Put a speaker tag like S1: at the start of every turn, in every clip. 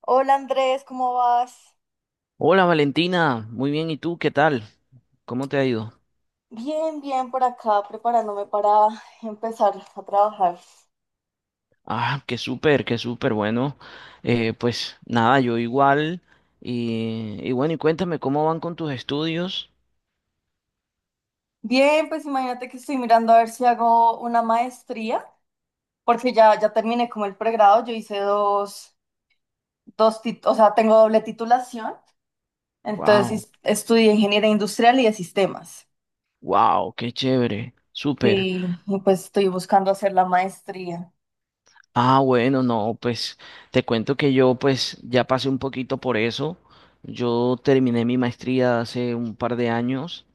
S1: Hola Andrés, ¿cómo vas?
S2: Hola Valentina, muy bien, ¿y tú qué tal? ¿Cómo te ha ido?
S1: Bien, bien por acá, preparándome para empezar a trabajar.
S2: Ah, qué súper, bueno, pues nada, yo igual, y bueno, y cuéntame, ¿cómo van con tus estudios?
S1: Bien, pues imagínate que estoy mirando a ver si hago una maestría, porque ya terminé como el pregrado, yo hice o sea, tengo doble titulación, entonces
S2: Wow,
S1: estudié ingeniería industrial y de sistemas.
S2: wow, qué chévere, súper.
S1: Sí, y pues estoy buscando hacer la maestría.
S2: Ah, bueno, no, pues te cuento que yo pues ya pasé un poquito por eso, yo terminé mi maestría hace un par de años,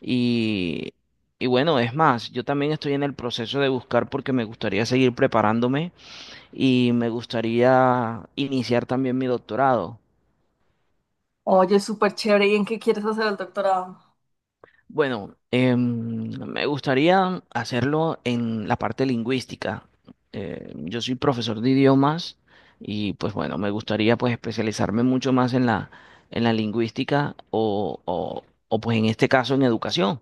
S2: y, y bueno, es más, yo también estoy en el proceso de buscar porque me gustaría seguir preparándome. Y me gustaría iniciar también mi doctorado.
S1: Oye, súper chévere, ¿y en qué quieres hacer el doctorado?
S2: Bueno, me gustaría hacerlo en la parte lingüística. Yo soy profesor de idiomas y pues bueno, me gustaría pues especializarme mucho más en la lingüística o pues en este caso en educación.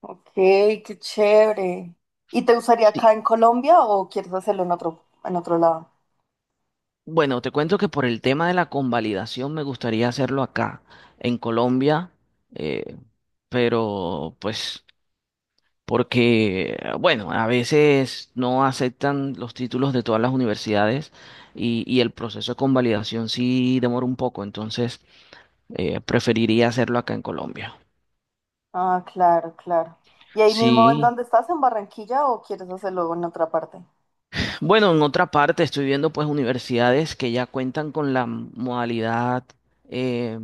S1: Ok, qué chévere. ¿Y te gustaría
S2: Sí.
S1: acá en Colombia o quieres hacerlo en otro lado?
S2: Bueno, te cuento que por el tema de la convalidación me gustaría hacerlo acá, en Colombia, eh, pero pues... porque, bueno, a veces no aceptan los títulos de todas las universidades y el proceso de convalidación sí demora un poco, entonces preferiría hacerlo acá en Colombia.
S1: Ah, claro, claro. ¿Y ahí mismo en
S2: Sí,
S1: dónde estás, en Barranquilla, o quieres hacerlo en otra parte?
S2: bueno, en otra parte estoy viendo pues universidades que ya cuentan con la modalidad eh,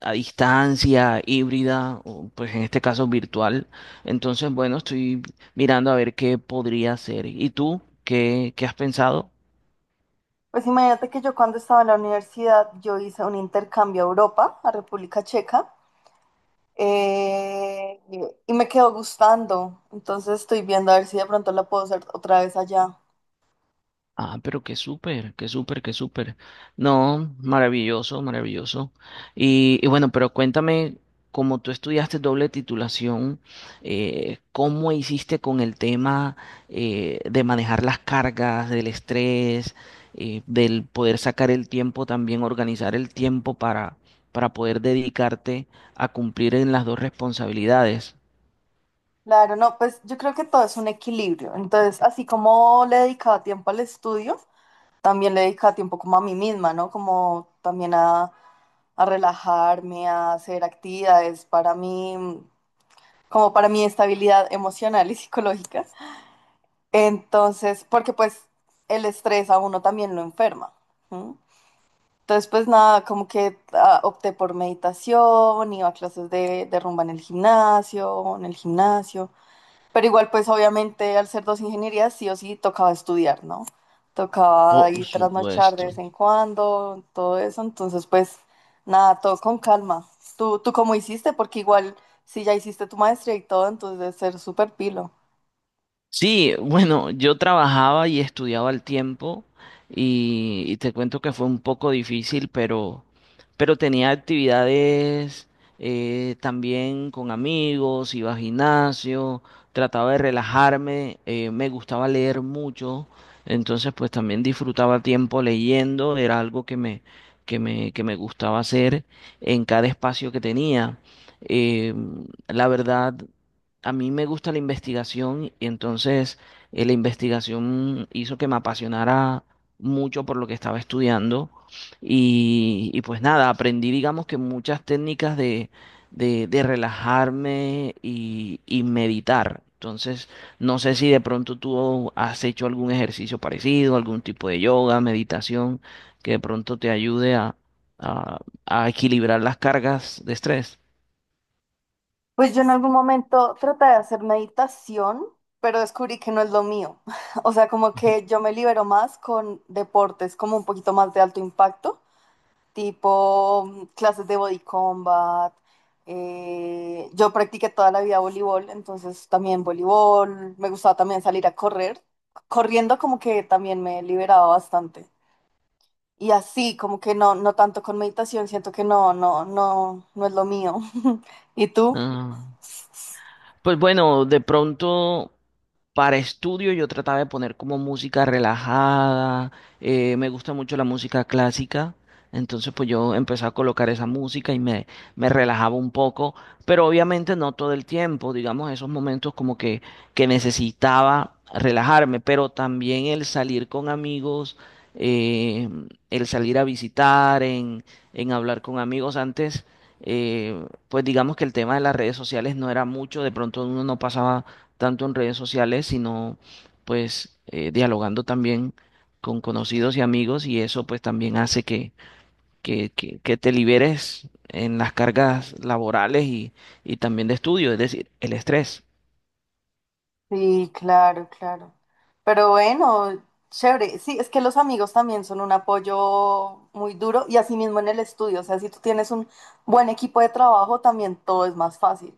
S2: a distancia, híbrida, o pues en este caso virtual. Entonces, bueno, estoy mirando a ver qué podría hacer. ¿Y tú qué has pensado?
S1: Pues imagínate que yo cuando estaba en la universidad, yo hice un intercambio a Europa, a República Checa, eh, y me quedó gustando. Entonces estoy viendo a ver si de pronto la puedo hacer otra vez allá.
S2: Ah, pero qué súper, qué súper, qué súper. No, maravilloso, maravilloso. Y bueno, pero cuéntame, como tú estudiaste doble titulación, ¿cómo hiciste con el tema de manejar las cargas, del estrés, del poder sacar el tiempo también, organizar el tiempo para poder dedicarte a cumplir en las dos responsabilidades?
S1: Claro, no, pues yo creo que todo es un equilibrio. Entonces, así como le dedicaba tiempo al estudio, también le dedicaba tiempo como a mí misma, ¿no? Como también a relajarme, a hacer actividades para mí, como para mi estabilidad emocional y psicológica. Entonces, porque pues el estrés a uno también lo enferma. ¿Sí? Entonces, pues nada, como que ah, opté por meditación, iba a clases de rumba en el gimnasio. Pero igual, pues obviamente al ser dos ingenierías, sí o sí tocaba estudiar, ¿no? Tocaba
S2: Por
S1: ir trasnochar de vez
S2: supuesto.
S1: en cuando, todo eso. Entonces, pues nada, todo con calma. ¿Tú cómo hiciste? Porque igual, si ya hiciste tu maestría y todo, entonces debe ser súper pilo.
S2: Sí, bueno, yo trabajaba y estudiaba al tiempo y te cuento que fue un poco difícil, pero tenía actividades también con amigos, iba al gimnasio, trataba de relajarme, me gustaba leer mucho, entonces pues también disfrutaba tiempo leyendo, era algo que me gustaba hacer en cada espacio que tenía. Eh, la verdad. A mí me gusta la investigación y entonces la investigación hizo que me apasionara mucho por lo que estaba estudiando y pues nada, aprendí digamos que muchas técnicas de relajarme y meditar. Entonces, no sé si de pronto tú has hecho algún ejercicio parecido, algún tipo de yoga, meditación, que de pronto te ayude a, a equilibrar las cargas de estrés.
S1: Pues yo en algún momento traté de hacer meditación, pero descubrí que no es lo mío. O sea, como que yo me libero más con deportes como un poquito más de alto impacto tipo clases de body combat. Yo practiqué toda la vida voleibol, entonces también voleibol. Me gustaba también salir a correr. Corriendo como que también me liberaba bastante. Y así, como que no, no tanto con meditación, siento que no, no, no, no es lo mío. ¿Y tú?
S2: Ah, pues bueno, de pronto. Para estudio yo trataba de poner como música relajada, me gusta mucho la música clásica, entonces pues yo empecé a colocar esa música me relajaba un poco, pero obviamente no todo el tiempo, digamos esos momentos que necesitaba relajarme, pero también el salir con amigos, eh, el salir a visitar, en hablar con amigos antes. eh, pues digamos que el tema de las redes sociales no era mucho, de pronto uno no pasaba tanto en redes sociales, sino pues dialogando también con conocidos y amigos y eso pues también hace que te liberes en las cargas laborales y también de estudio, es decir, el estrés.
S1: Sí, claro, claro. Pero bueno, chévere. Sí, es que los amigos también son un apoyo muy duro y así mismo en el estudio. O sea, si tú tienes un buen equipo de trabajo, también todo es más fácil.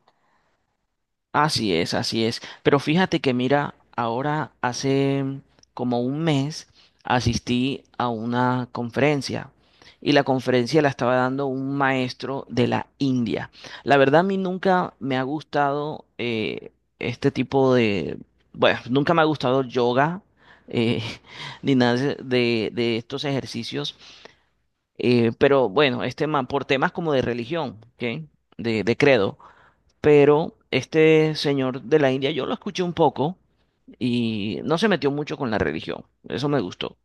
S2: Así es, así es. Pero fíjate que mira, ahora hace como un mes asistí a una conferencia y la conferencia la estaba dando un maestro de la India. La verdad a mí nunca me ha gustado este tipo de, bueno, nunca me ha gustado yoga, eh, ni nada de estos ejercicios. Pero bueno, este man, por temas como de religión, ¿ok? De credo, pero este señor de la India, yo lo escuché un poco y no se metió mucho con la religión, eso me gustó,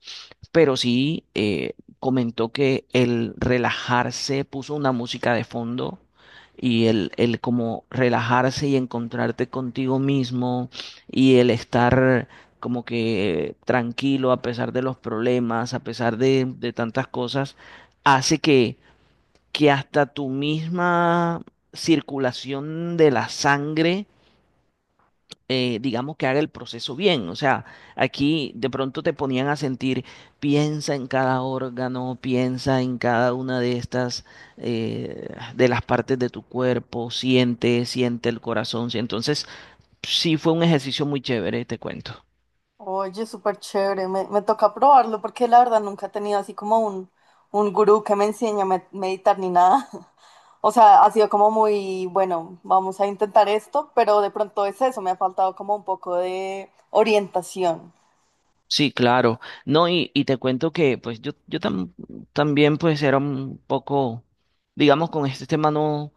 S2: pero sí comentó que el relajarse, puso una música de fondo el como relajarse y encontrarte contigo mismo y el estar como que tranquilo a pesar de los problemas, a pesar de tantas cosas, hace que hasta tu misma circulación de la sangre, digamos que haga el proceso bien. O sea, aquí de pronto te ponían a sentir, piensa en cada órgano, piensa en cada una de estas, eh, de las partes de tu cuerpo, siente, siente el corazón. Sí. Entonces, sí fue un ejercicio muy chévere, te cuento.
S1: Oye, súper chévere. Me toca probarlo porque la verdad nunca he tenido así como un gurú que me enseñe a meditar ni nada. O sea, ha sido como muy, bueno, vamos a intentar esto, pero de pronto es eso, me ha faltado como un poco de orientación.
S2: Sí, claro. No, y te cuento que pues yo tam- también pues era un poco, digamos, con este tema no,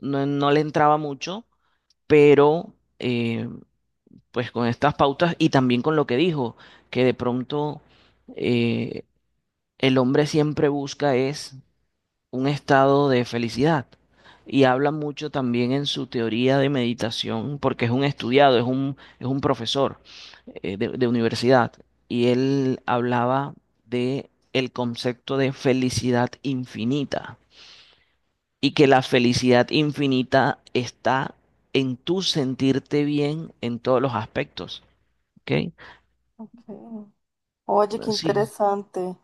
S2: no le entraba mucho, pero eh, pues con estas pautas y también con lo que dijo, que de pronto eh, el hombre siempre busca es un estado de felicidad. Y habla mucho también en su teoría de meditación, porque es un estudiado, es un profesor de universidad. Y él hablaba de el concepto de felicidad infinita y que la felicidad infinita está en tu sentirte bien en todos los aspectos. ¿Ok?
S1: Ok. Oye, qué
S2: Sí.
S1: interesante.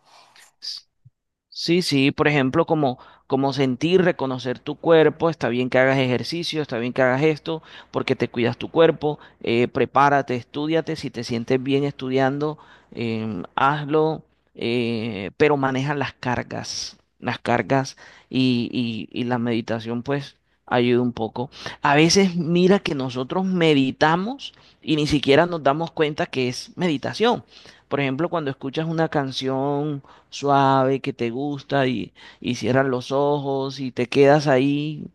S2: Sí, sí, por ejemplo, como sentir, reconocer tu cuerpo, está bien que hagas ejercicio, está bien que hagas esto, porque te cuidas tu cuerpo, prepárate, estúdiate, si te sientes bien estudiando, hazlo, pero maneja las cargas y la meditación pues ayuda un poco. A veces mira que nosotros meditamos y ni siquiera nos damos cuenta que es meditación. Por ejemplo, cuando escuchas una canción suave que te gusta y cierras los ojos y te quedas ahí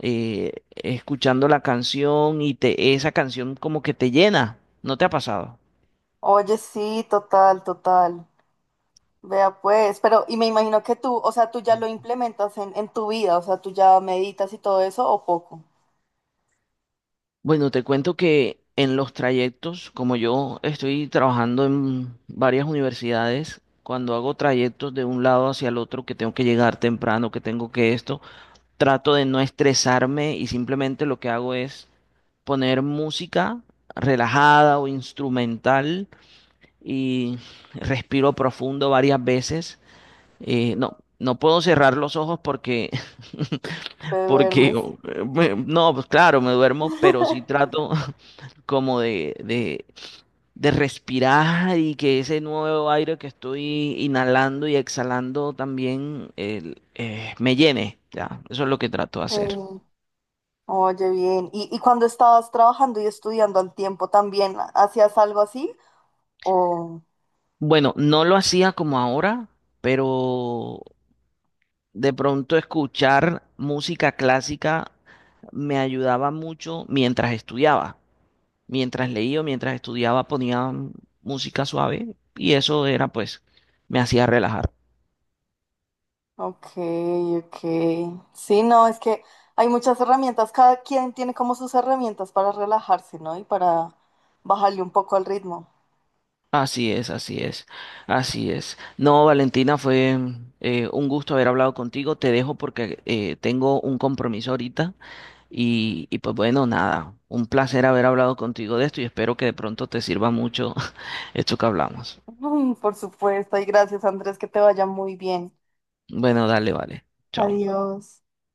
S2: escuchando la canción esa canción como que te llena. ¿No te ha pasado?
S1: Oye, sí, total, total. Vea pues, pero y me imagino que tú, o sea, tú ya lo implementas en tu vida, o sea, tú ya meditas y todo eso o poco.
S2: Bueno, te cuento que en los trayectos, como yo estoy trabajando en varias universidades, cuando hago trayectos de un lado hacia el otro, que tengo que llegar temprano, que tengo que esto, trato de no estresarme y simplemente lo que hago es poner música relajada o instrumental y respiro profundo varias veces. No puedo cerrar los ojos porque,
S1: Te
S2: porque
S1: duermes.
S2: no, pues claro, me duermo, pero sí trato como de respirar y que ese nuevo aire que estoy inhalando y exhalando también me llene. Ya, eso es lo que trato de
S1: Sí.
S2: hacer.
S1: Oye, bien. ¿Y cuando estabas trabajando y estudiando al tiempo también, hacías algo así? O,
S2: Bueno, no lo hacía como ahora, pero de pronto escuchar música clásica me ayudaba mucho mientras estudiaba. Mientras leía o mientras estudiaba ponía música suave y eso era pues, me hacía relajar.
S1: ok, ok. Sí, no, es que hay muchas herramientas, cada quien tiene como sus herramientas para relajarse, ¿no? Y para bajarle un poco al ritmo.
S2: Así es, así es, así es. No, Valentina, fue un gusto haber hablado contigo. Te dejo porque tengo un compromiso ahorita y pues bueno, nada, un placer haber hablado contigo de esto y espero que de pronto te sirva mucho esto que hablamos.
S1: Mm, por supuesto, y gracias Andrés, que te vaya muy bien.
S2: Bueno, dale, vale. Chao.
S1: Adiós.